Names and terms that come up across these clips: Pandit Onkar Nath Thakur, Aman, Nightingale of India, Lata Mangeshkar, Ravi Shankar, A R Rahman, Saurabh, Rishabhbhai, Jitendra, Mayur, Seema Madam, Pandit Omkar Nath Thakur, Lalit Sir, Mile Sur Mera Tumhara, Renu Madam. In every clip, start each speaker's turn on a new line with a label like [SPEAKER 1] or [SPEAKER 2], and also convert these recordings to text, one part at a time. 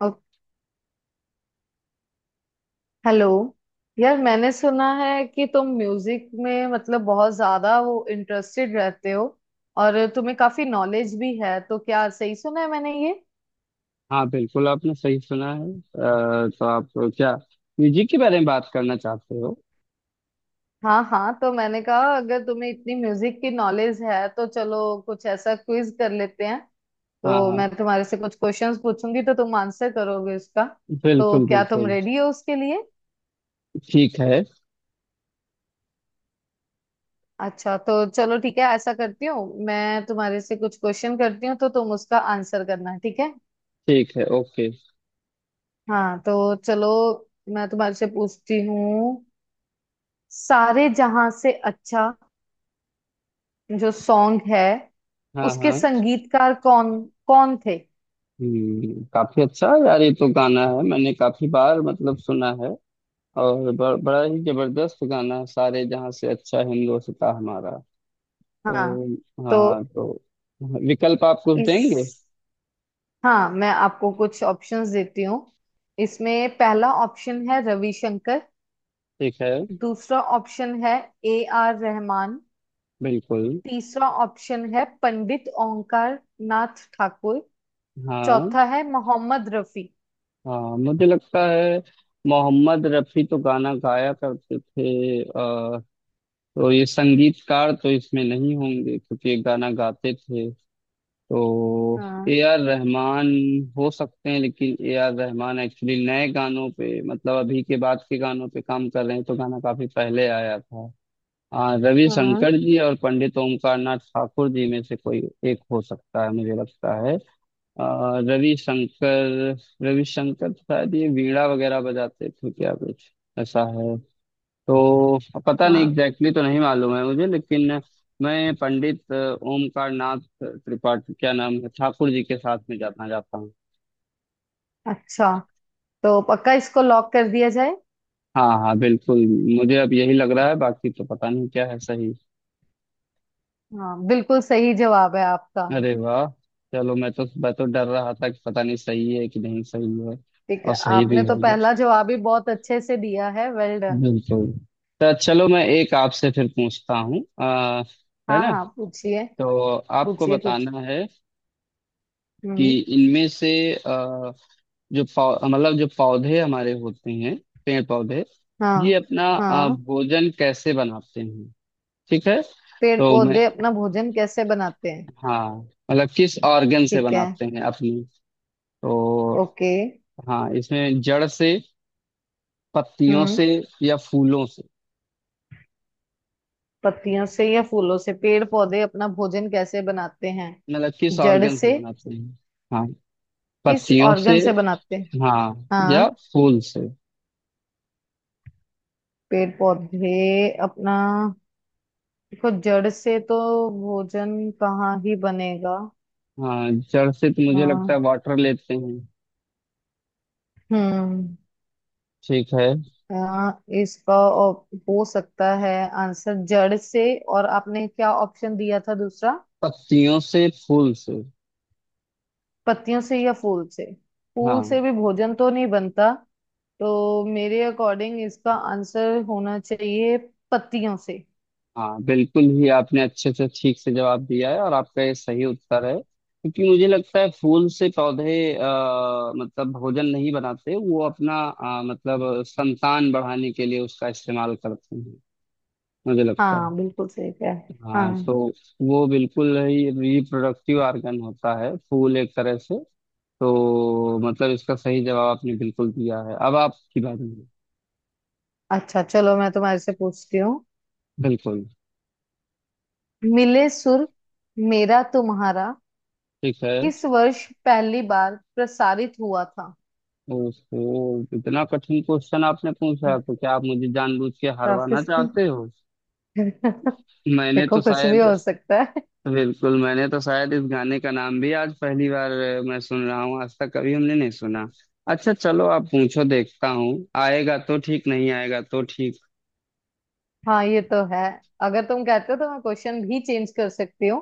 [SPEAKER 1] अ- hello यार। मैंने सुना है कि तुम म्यूजिक में मतलब बहुत ज्यादा वो इंटरेस्टेड रहते हो और तुम्हें काफी नॉलेज भी है, तो क्या सही सुना है मैंने ये?
[SPEAKER 2] हाँ, बिल्कुल आपने सही सुना है। तो आप क्या म्यूजिक के बारे में बात करना चाहते हो?
[SPEAKER 1] हाँ हाँ, तो मैंने कहा अगर तुम्हें इतनी म्यूजिक की नॉलेज है तो चलो कुछ ऐसा क्विज कर लेते हैं।
[SPEAKER 2] हाँ
[SPEAKER 1] तो मैं
[SPEAKER 2] हाँ,
[SPEAKER 1] तुम्हारे से कुछ क्वेश्चंस पूछूंगी, तो तुम आंसर करोगे उसका। तो
[SPEAKER 2] बिल्कुल
[SPEAKER 1] क्या तुम
[SPEAKER 2] बिल्कुल।
[SPEAKER 1] रेडी हो उसके लिए?
[SPEAKER 2] ठीक है।
[SPEAKER 1] अच्छा, तो चलो ठीक है, ऐसा करती हूँ, मैं तुम्हारे से कुछ क्वेश्चन करती हूँ तो तुम उसका आंसर करना, ठीक है?
[SPEAKER 2] ठीक है, ओके।
[SPEAKER 1] हाँ तो चलो, मैं तुम्हारे से पूछती हूँ। सारे जहां से अच्छा जो सॉन्ग है
[SPEAKER 2] हाँ
[SPEAKER 1] उसके
[SPEAKER 2] हाँ।
[SPEAKER 1] संगीतकार कौन कौन थे?
[SPEAKER 2] काफी अच्छा यार, ये तो गाना है, मैंने काफी बार मतलब सुना है। और बड़ा ही जबरदस्त गाना है, सारे जहाँ से अच्छा हिंदोस्तां हमारा।
[SPEAKER 1] हाँ
[SPEAKER 2] तो।
[SPEAKER 1] तो
[SPEAKER 2] हाँ तो विकल्प आप कुछ
[SPEAKER 1] इस
[SPEAKER 2] देंगे?
[SPEAKER 1] हाँ, मैं आपको कुछ ऑप्शंस देती हूँ। इसमें पहला ऑप्शन है रविशंकर।
[SPEAKER 2] ठीक है।
[SPEAKER 1] दूसरा ऑप्शन है ए आर रहमान।
[SPEAKER 2] बिल्कुल।
[SPEAKER 1] तीसरा ऑप्शन है पंडित ओंकार नाथ ठाकुर।
[SPEAKER 2] हाँ
[SPEAKER 1] चौथा है मोहम्मद रफी।
[SPEAKER 2] हाँ, मुझे लगता है मोहम्मद रफी तो गाना गाया करते थे, तो ये संगीतकार तो इसमें नहीं होंगे क्योंकि ये गाना गाते थे। तो
[SPEAKER 1] हाँ
[SPEAKER 2] ए आर रहमान हो सकते हैं, लेकिन ए आर रहमान एक्चुअली नए गानों पे, मतलब अभी के बाद के गानों पे काम कर रहे हैं, तो गाना काफी पहले आया था।
[SPEAKER 1] हाँ
[SPEAKER 2] रविशंकर जी और पंडित ओमकार नाथ ठाकुर जी में से कोई एक हो सकता है, मुझे लगता है। रविशंकर रविशंकर शायद ये वीणा वगैरह बजाते थे, क्या कुछ ऐसा है। तो पता नहीं,
[SPEAKER 1] हाँ।
[SPEAKER 2] एग्जैक्टली तो नहीं मालूम है मुझे, लेकिन मैं पंडित ओमकार नाथ त्रिपाठी, क्या नाम है, ठाकुर जी के साथ में जाना जाता हूँ।
[SPEAKER 1] अच्छा, तो पक्का इसको लॉक कर दिया जाए?
[SPEAKER 2] हाँ हाँ बिल्कुल, मुझे अब यही लग रहा है, बाकी तो पता नहीं क्या है सही।
[SPEAKER 1] हाँ बिल्कुल सही जवाब है आपका।
[SPEAKER 2] अरे वाह! चलो, मैं तो डर रहा था कि पता नहीं सही है कि नहीं सही है।
[SPEAKER 1] ठीक
[SPEAKER 2] और
[SPEAKER 1] है,
[SPEAKER 2] सही भी
[SPEAKER 1] आपने तो
[SPEAKER 2] हो गया,
[SPEAKER 1] पहला जवाब ही बहुत अच्छे से दिया है, वेल डन।
[SPEAKER 2] बिल्कुल। तो चलो, मैं एक आपसे फिर पूछता हूँ। है
[SPEAKER 1] हाँ
[SPEAKER 2] ना,
[SPEAKER 1] हाँ पूछिए।
[SPEAKER 2] तो आपको
[SPEAKER 1] पूछिए कुछ।
[SPEAKER 2] बताना है कि
[SPEAKER 1] हम्म।
[SPEAKER 2] इनमें से अ, जो पौ मतलब जो पौधे हमारे होते हैं, पेड़ पौधे, ये
[SPEAKER 1] हाँ
[SPEAKER 2] अपना
[SPEAKER 1] हाँ।
[SPEAKER 2] भोजन कैसे बनाते हैं? ठीक है।
[SPEAKER 1] पेड़
[SPEAKER 2] तो मैं,
[SPEAKER 1] पौधे अपना भोजन कैसे बनाते हैं?
[SPEAKER 2] हाँ, मतलब किस ऑर्गन से
[SPEAKER 1] ठीक है,
[SPEAKER 2] बनाते हैं अपनी, तो
[SPEAKER 1] ओके।
[SPEAKER 2] हाँ, इसमें जड़ से, पत्तियों
[SPEAKER 1] हम्म।
[SPEAKER 2] से या फूलों से,
[SPEAKER 1] पत्तियों से या फूलों से पेड़ पौधे अपना भोजन कैसे बनाते हैं?
[SPEAKER 2] मतलब किस
[SPEAKER 1] जड़
[SPEAKER 2] ऑर्गन से
[SPEAKER 1] से?
[SPEAKER 2] बनाते हैं। हाँ,
[SPEAKER 1] किस
[SPEAKER 2] पत्तियों से।
[SPEAKER 1] ऑर्गन से बनाते हैं?
[SPEAKER 2] हाँ, या
[SPEAKER 1] हाँ।
[SPEAKER 2] फूल से।
[SPEAKER 1] पेड़ पौधे अपना, देखो जड़ से तो भोजन कहाँ ही बनेगा।
[SPEAKER 2] हाँ, जड़ से तो
[SPEAKER 1] अ,
[SPEAKER 2] मुझे लगता है वाटर लेते हैं।
[SPEAKER 1] हम्म।
[SPEAKER 2] ठीक है।
[SPEAKER 1] हो सकता है आंसर जड़ से। और आपने क्या ऑप्शन दिया था दूसरा?
[SPEAKER 2] पत्तियों से, फूल से।
[SPEAKER 1] पत्तियों से या फूल से। फूल
[SPEAKER 2] हाँ
[SPEAKER 1] से भी भोजन तो नहीं बनता, तो मेरे अकॉर्डिंग इसका आंसर होना चाहिए पत्तियों से।
[SPEAKER 2] हाँ, बिल्कुल ही आपने अच्छे से, ठीक से जवाब दिया है, और आपका ये सही उत्तर है, क्योंकि मुझे लगता है फूल से पौधे मतलब भोजन नहीं बनाते, वो अपना मतलब संतान बढ़ाने के लिए उसका इस्तेमाल करते हैं, मुझे लगता है।
[SPEAKER 1] हाँ बिल्कुल सही है।
[SPEAKER 2] हाँ
[SPEAKER 1] हाँ।
[SPEAKER 2] तो वो बिल्कुल ही रिप्रोडक्टिव ऑर्गन होता है फूल, एक तरह से। तो मतलब इसका सही जवाब आपने बिल्कुल दिया है, अब आपकी बारी है।
[SPEAKER 1] अच्छा, चलो मैं तुम्हारे से पूछती हूँ।
[SPEAKER 2] बिल्कुल।
[SPEAKER 1] मिले सुर मेरा तुम्हारा
[SPEAKER 2] ठीक है।
[SPEAKER 1] किस वर्ष पहली बार प्रसारित हुआ था?
[SPEAKER 2] ओहो, इतना कठिन क्वेश्चन आपने पूछा है, तो क्या आप मुझे जानबूझ के हरवाना
[SPEAKER 1] ऑफिस के।
[SPEAKER 2] चाहते हो? मैंने तो
[SPEAKER 1] देखो, कुछ भी
[SPEAKER 2] शायद,
[SPEAKER 1] हो सकता है।
[SPEAKER 2] बिल्कुल, मैंने तो शायद इस गाने का नाम भी आज पहली बार मैं सुन रहा हूँ, आज तक कभी हमने नहीं सुना। अच्छा चलो आप पूछो, देखता हूँ, आएगा तो ठीक, नहीं आएगा तो ठीक।
[SPEAKER 1] हाँ ये तो है, अगर तुम कहते हो तो मैं क्वेश्चन भी चेंज कर सकती हूँ।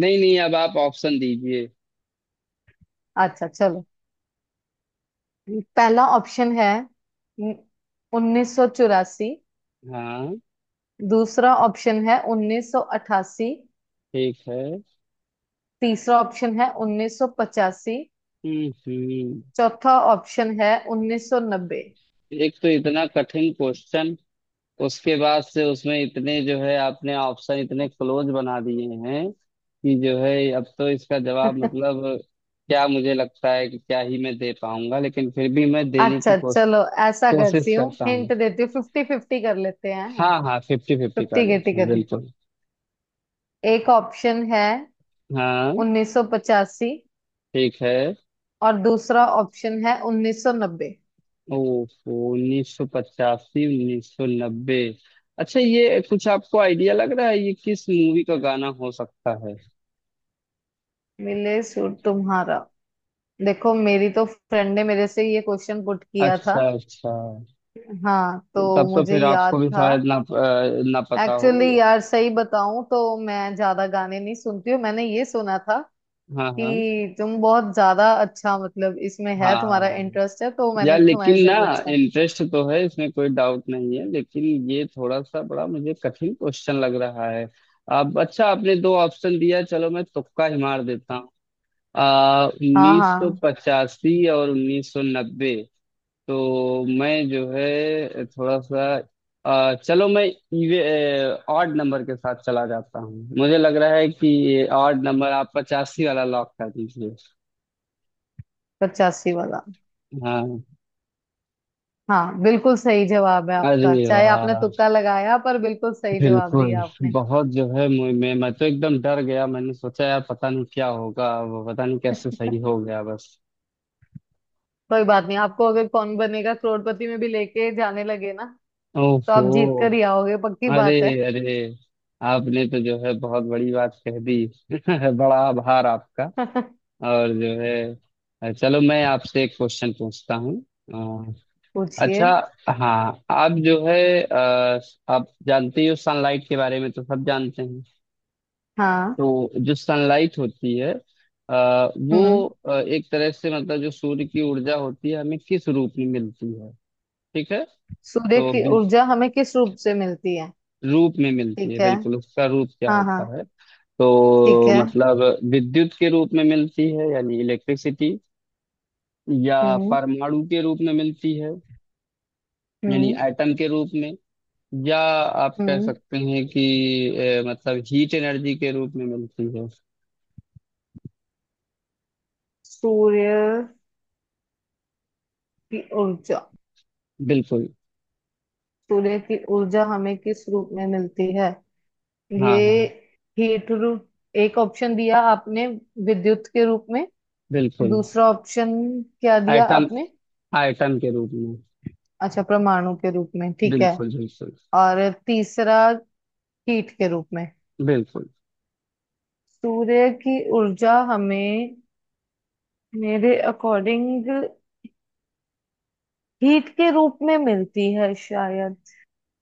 [SPEAKER 2] नहीं नहीं, अब आप ऑप्शन दीजिए।
[SPEAKER 1] अच्छा चलो, पहला ऑप्शन है 1984।
[SPEAKER 2] हाँ।
[SPEAKER 1] दूसरा ऑप्शन है 1988।
[SPEAKER 2] ठीक है।
[SPEAKER 1] तीसरा ऑप्शन है 1985।
[SPEAKER 2] हम्म।
[SPEAKER 1] चौथा ऑप्शन है 1990।
[SPEAKER 2] एक तो इतना कठिन क्वेश्चन, उसके बाद से उसमें इतने जो है आपने ऑप्शन इतने क्लोज बना दिए हैं कि जो है अब तो इसका जवाब, मतलब, क्या मुझे लगता है कि क्या ही मैं दे पाऊंगा, लेकिन फिर भी मैं देने की
[SPEAKER 1] अच्छा, चलो ऐसा
[SPEAKER 2] कोशिश
[SPEAKER 1] करती हूँ,
[SPEAKER 2] करता हूँ।
[SPEAKER 1] हिंट देती हूँ, फिफ्टी फिफ्टी कर लेते हैं।
[SPEAKER 2] हाँ हाँ, फिफ्टी फिफ्टी कर
[SPEAKER 1] फिफ्टी के
[SPEAKER 2] लेते हैं,
[SPEAKER 1] टिकट है।
[SPEAKER 2] बिल्कुल।
[SPEAKER 1] एक ऑप्शन है
[SPEAKER 2] हाँ।
[SPEAKER 1] 1985
[SPEAKER 2] ठीक है।
[SPEAKER 1] और दूसरा ऑप्शन है 1990।
[SPEAKER 2] ओहो, 1985, 1990। अच्छा, ये कुछ आपको आइडिया लग रहा है, ये किस मूवी का गाना हो सकता है?
[SPEAKER 1] मिले सूट तुम्हारा, देखो मेरी तो फ्रेंड ने मेरे से ये क्वेश्चन पुट किया
[SPEAKER 2] अच्छा
[SPEAKER 1] था।
[SPEAKER 2] अच्छा।
[SPEAKER 1] हाँ तो
[SPEAKER 2] तब तो
[SPEAKER 1] मुझे
[SPEAKER 2] फिर
[SPEAKER 1] याद
[SPEAKER 2] आपको भी
[SPEAKER 1] था।
[SPEAKER 2] शायद ना, ना पता हो।
[SPEAKER 1] एक्चुअली यार, सही बताऊं तो मैं ज्यादा गाने नहीं सुनती हूँ, मैंने ये सुना था
[SPEAKER 2] हाँ हाँ
[SPEAKER 1] कि तुम बहुत ज्यादा अच्छा मतलब इसमें है, तुम्हारा
[SPEAKER 2] हाँ।
[SPEAKER 1] इंटरेस्ट है तो
[SPEAKER 2] यार
[SPEAKER 1] मैंने
[SPEAKER 2] लेकिन
[SPEAKER 1] तुम्हारे से
[SPEAKER 2] ना,
[SPEAKER 1] पूछा।
[SPEAKER 2] इंटरेस्ट तो है, इसमें कोई डाउट नहीं है, लेकिन ये थोड़ा सा बड़ा मुझे कठिन क्वेश्चन लग रहा है। अब अच्छा, आपने दो ऑप्शन दिया, चलो मैं तुक्का ही मार देता हूँ। आ
[SPEAKER 1] हाँ
[SPEAKER 2] उन्नीस सौ
[SPEAKER 1] हाँ।
[SPEAKER 2] पचासी और 1990। तो मैं जो है थोड़ा सा, चलो मैं इवे ऑड नंबर के साथ चला जाता हूँ, मुझे लग रहा है कि ये ऑड नंबर, आप 85 वाला लॉक कर दीजिए।
[SPEAKER 1] पचासी वाला।
[SPEAKER 2] हाँ।
[SPEAKER 1] हाँ बिल्कुल सही जवाब है आपका,
[SPEAKER 2] अरे
[SPEAKER 1] चाहे आपने
[SPEAKER 2] वाह,
[SPEAKER 1] तुक्का लगाया पर बिल्कुल सही जवाब
[SPEAKER 2] बिल्कुल।
[SPEAKER 1] दिया आपने।
[SPEAKER 2] बहुत जो है मुझ में, मैं तो एकदम डर गया, मैंने सोचा यार पता नहीं क्या होगा, वो पता नहीं कैसे सही हो गया बस।
[SPEAKER 1] कोई बात नहीं, आपको अगर कौन बनेगा करोड़पति में भी लेके जाने लगे ना, तो
[SPEAKER 2] ओहो।
[SPEAKER 1] आप जीत कर ही आओगे, पक्की
[SPEAKER 2] अरे,
[SPEAKER 1] बात है।
[SPEAKER 2] अरे, आपने तो जो है बहुत बड़ी बात कह दी। बड़ा आभार आपका। और जो है चलो मैं आपसे एक क्वेश्चन पूछता हूँ। अ,
[SPEAKER 1] पूछिए।
[SPEAKER 2] अच्छा। हाँ, आप जो है अ, आप जानते ही हो, सनलाइट के बारे में तो सब जानते हैं।
[SPEAKER 1] हाँ।
[SPEAKER 2] तो जो सनलाइट होती है,
[SPEAKER 1] हम्म।
[SPEAKER 2] वो एक तरह से मतलब जो सूर्य की ऊर्जा होती है, हमें किस रूप में मिलती है? ठीक है।
[SPEAKER 1] सूर्य
[SPEAKER 2] तो
[SPEAKER 1] की ऊर्जा हमें किस रूप से मिलती है?
[SPEAKER 2] रूप में मिलती है,
[SPEAKER 1] ठीक है।
[SPEAKER 2] बिल्कुल, उसका रूप क्या
[SPEAKER 1] हाँ हाँ।
[SPEAKER 2] होता है?
[SPEAKER 1] ठीक
[SPEAKER 2] तो
[SPEAKER 1] है।
[SPEAKER 2] मतलब विद्युत के रूप में मिलती है, यानी इलेक्ट्रिसिटी, या
[SPEAKER 1] हम्म।
[SPEAKER 2] परमाणु के रूप में मिलती है, यानी
[SPEAKER 1] हम्म।
[SPEAKER 2] एटम के रूप में, या आप कह
[SPEAKER 1] हम्म।
[SPEAKER 2] सकते हैं कि मतलब हीट एनर्जी के रूप में मिलती है।
[SPEAKER 1] सूर्य की ऊर्जा,
[SPEAKER 2] बिल्कुल।
[SPEAKER 1] सूर्य की ऊर्जा हमें किस रूप में मिलती है
[SPEAKER 2] हाँ हाँ,
[SPEAKER 1] ये? हीट रूप। एक ऑप्शन दिया आपने विद्युत के रूप में।
[SPEAKER 2] बिल्कुल।
[SPEAKER 1] दूसरा ऑप्शन क्या दिया
[SPEAKER 2] एटम
[SPEAKER 1] आपने?
[SPEAKER 2] एटम के रूप में।
[SPEAKER 1] अच्छा, परमाणु के रूप में, ठीक है।
[SPEAKER 2] बिल्कुल बिल्कुल
[SPEAKER 1] और तीसरा हीट के रूप में।
[SPEAKER 2] बिल्कुल।
[SPEAKER 1] सूर्य की ऊर्जा हमें, मेरे अकॉर्डिंग, हीट के रूप में मिलती है शायद।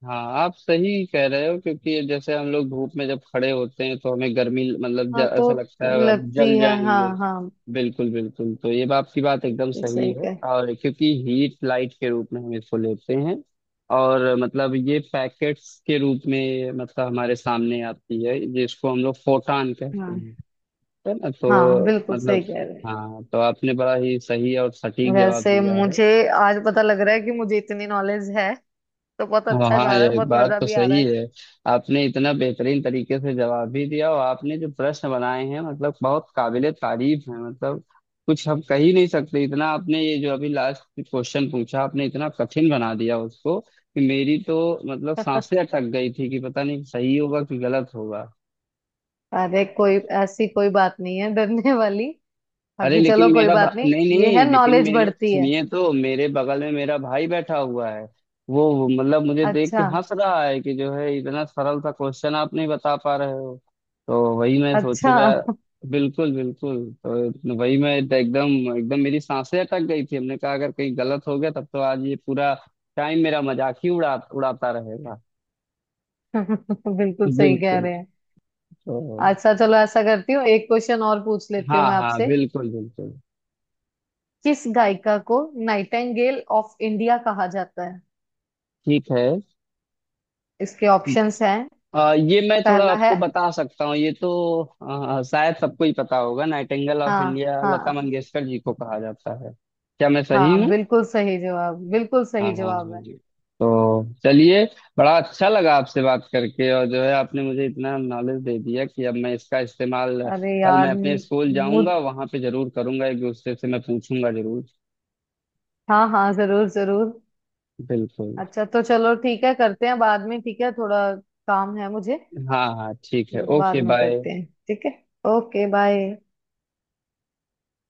[SPEAKER 2] हाँ आप सही कह रहे हो, क्योंकि जैसे हम लोग धूप में जब खड़े होते हैं तो हमें गर्मी, मतलब
[SPEAKER 1] हाँ तो
[SPEAKER 2] ऐसा लगता है अब
[SPEAKER 1] लगती
[SPEAKER 2] जल
[SPEAKER 1] है, हाँ
[SPEAKER 2] जाएंगे।
[SPEAKER 1] हाँ।
[SPEAKER 2] बिल्कुल बिल्कुल, तो ये बात की बात एकदम सही
[SPEAKER 1] सही
[SPEAKER 2] है,
[SPEAKER 1] कह
[SPEAKER 2] और क्योंकि हीट लाइट के रूप में हम इसको लेते हैं, और मतलब ये पैकेट्स के रूप में मतलब हमारे सामने आती है, जिसको हम लोग फोटान कहते
[SPEAKER 1] हाँ
[SPEAKER 2] हैं, है ना,
[SPEAKER 1] हाँ
[SPEAKER 2] तो
[SPEAKER 1] बिल्कुल
[SPEAKER 2] मतलब।
[SPEAKER 1] सही कह रहे हैं।
[SPEAKER 2] हाँ तो आपने बड़ा ही सही और सटीक जवाब
[SPEAKER 1] वैसे
[SPEAKER 2] दिया है।
[SPEAKER 1] मुझे आज पता लग रहा है कि मुझे इतनी नॉलेज है, तो बहुत
[SPEAKER 2] हाँ
[SPEAKER 1] अच्छा
[SPEAKER 2] हाँ,
[SPEAKER 1] जा रहा
[SPEAKER 2] ये
[SPEAKER 1] है,
[SPEAKER 2] एक
[SPEAKER 1] बहुत
[SPEAKER 2] बात
[SPEAKER 1] मजा
[SPEAKER 2] तो
[SPEAKER 1] भी आ
[SPEAKER 2] सही
[SPEAKER 1] रहा
[SPEAKER 2] है। आपने इतना बेहतरीन तरीके से जवाब भी दिया, और आपने जो प्रश्न बनाए हैं, मतलब बहुत काबिले तारीफ है, मतलब कुछ हम कह ही नहीं सकते। इतना आपने ये जो अभी लास्ट क्वेश्चन पूछा, आपने इतना कठिन बना दिया उसको, कि मेरी तो मतलब
[SPEAKER 1] है।
[SPEAKER 2] सांसें अटक गई थी कि पता नहीं सही होगा कि गलत होगा।
[SPEAKER 1] अरे कोई ऐसी कोई बात नहीं है डरने वाली,
[SPEAKER 2] अरे
[SPEAKER 1] बाकी चलो
[SPEAKER 2] लेकिन
[SPEAKER 1] कोई बात नहीं।
[SPEAKER 2] नहीं
[SPEAKER 1] ये है,
[SPEAKER 2] नहीं, लेकिन
[SPEAKER 1] नॉलेज
[SPEAKER 2] मेरे
[SPEAKER 1] बढ़ती है।
[SPEAKER 2] सुनिए, तो मेरे बगल में मेरा भाई बैठा हुआ है। वो मतलब मुझे देख के
[SPEAKER 1] अच्छा।
[SPEAKER 2] हंस रहा है, कि जो है इतना सरल सा क्वेश्चन आप नहीं बता पा रहे हो, तो वही मैं सोचू
[SPEAKER 1] अच्छा।
[SPEAKER 2] यार। बिल्कुल बिल्कुल, तो वही मैं तो एकदम एकदम मेरी सांसें अटक गई थी, हमने कहा अगर कहीं गलत हो गया तब तो आज ये पूरा टाइम मेरा मजाक ही उड़ा उड़ाता रहेगा।
[SPEAKER 1] बिल्कुल सही कह
[SPEAKER 2] बिल्कुल।
[SPEAKER 1] रहे हैं।
[SPEAKER 2] तो
[SPEAKER 1] अच्छा, चलो ऐसा करती हूँ, एक क्वेश्चन और पूछ लेती
[SPEAKER 2] हाँ
[SPEAKER 1] हूँ मैं
[SPEAKER 2] हाँ,
[SPEAKER 1] आपसे।
[SPEAKER 2] बिल्कुल बिल्कुल।
[SPEAKER 1] किस गायिका को नाइटिंगेल ऑफ इंडिया कहा जाता है?
[SPEAKER 2] ठीक है।
[SPEAKER 1] इसके ऑप्शंस हैं,
[SPEAKER 2] ये मैं थोड़ा
[SPEAKER 1] पहला है।
[SPEAKER 2] आपको बता सकता हूँ, ये तो शायद सबको ही पता होगा, नाइटिंगेल ऑफ
[SPEAKER 1] हाँ
[SPEAKER 2] इंडिया लता
[SPEAKER 1] हाँ।
[SPEAKER 2] मंगेशकर जी को कहा जाता है। क्या मैं सही
[SPEAKER 1] हाँ
[SPEAKER 2] हूँ?
[SPEAKER 1] बिल्कुल सही जवाब, बिल्कुल
[SPEAKER 2] हाँ
[SPEAKER 1] सही
[SPEAKER 2] हाँ
[SPEAKER 1] जवाब
[SPEAKER 2] हाँ
[SPEAKER 1] है।
[SPEAKER 2] जी। तो चलिए, बड़ा अच्छा लगा आपसे बात करके, और जो है आपने मुझे इतना नॉलेज दे दिया कि अब मैं इसका इस्तेमाल,
[SPEAKER 1] अरे
[SPEAKER 2] कल मैं
[SPEAKER 1] यार
[SPEAKER 2] अपने स्कूल
[SPEAKER 1] मुझ
[SPEAKER 2] जाऊंगा वहां पे जरूर करूंगा, एक दूसरे से मैं पूछूंगा जरूर।
[SPEAKER 1] हाँ हाँ जरूर जरूर।
[SPEAKER 2] बिल्कुल।
[SPEAKER 1] अच्छा तो चलो ठीक है, करते हैं बाद में, ठीक है, थोड़ा काम है मुझे।
[SPEAKER 2] हाँ हाँ ठीक है,
[SPEAKER 1] वो बाद
[SPEAKER 2] ओके
[SPEAKER 1] में
[SPEAKER 2] बाय।
[SPEAKER 1] करते हैं, ठीक है, ओके बाय।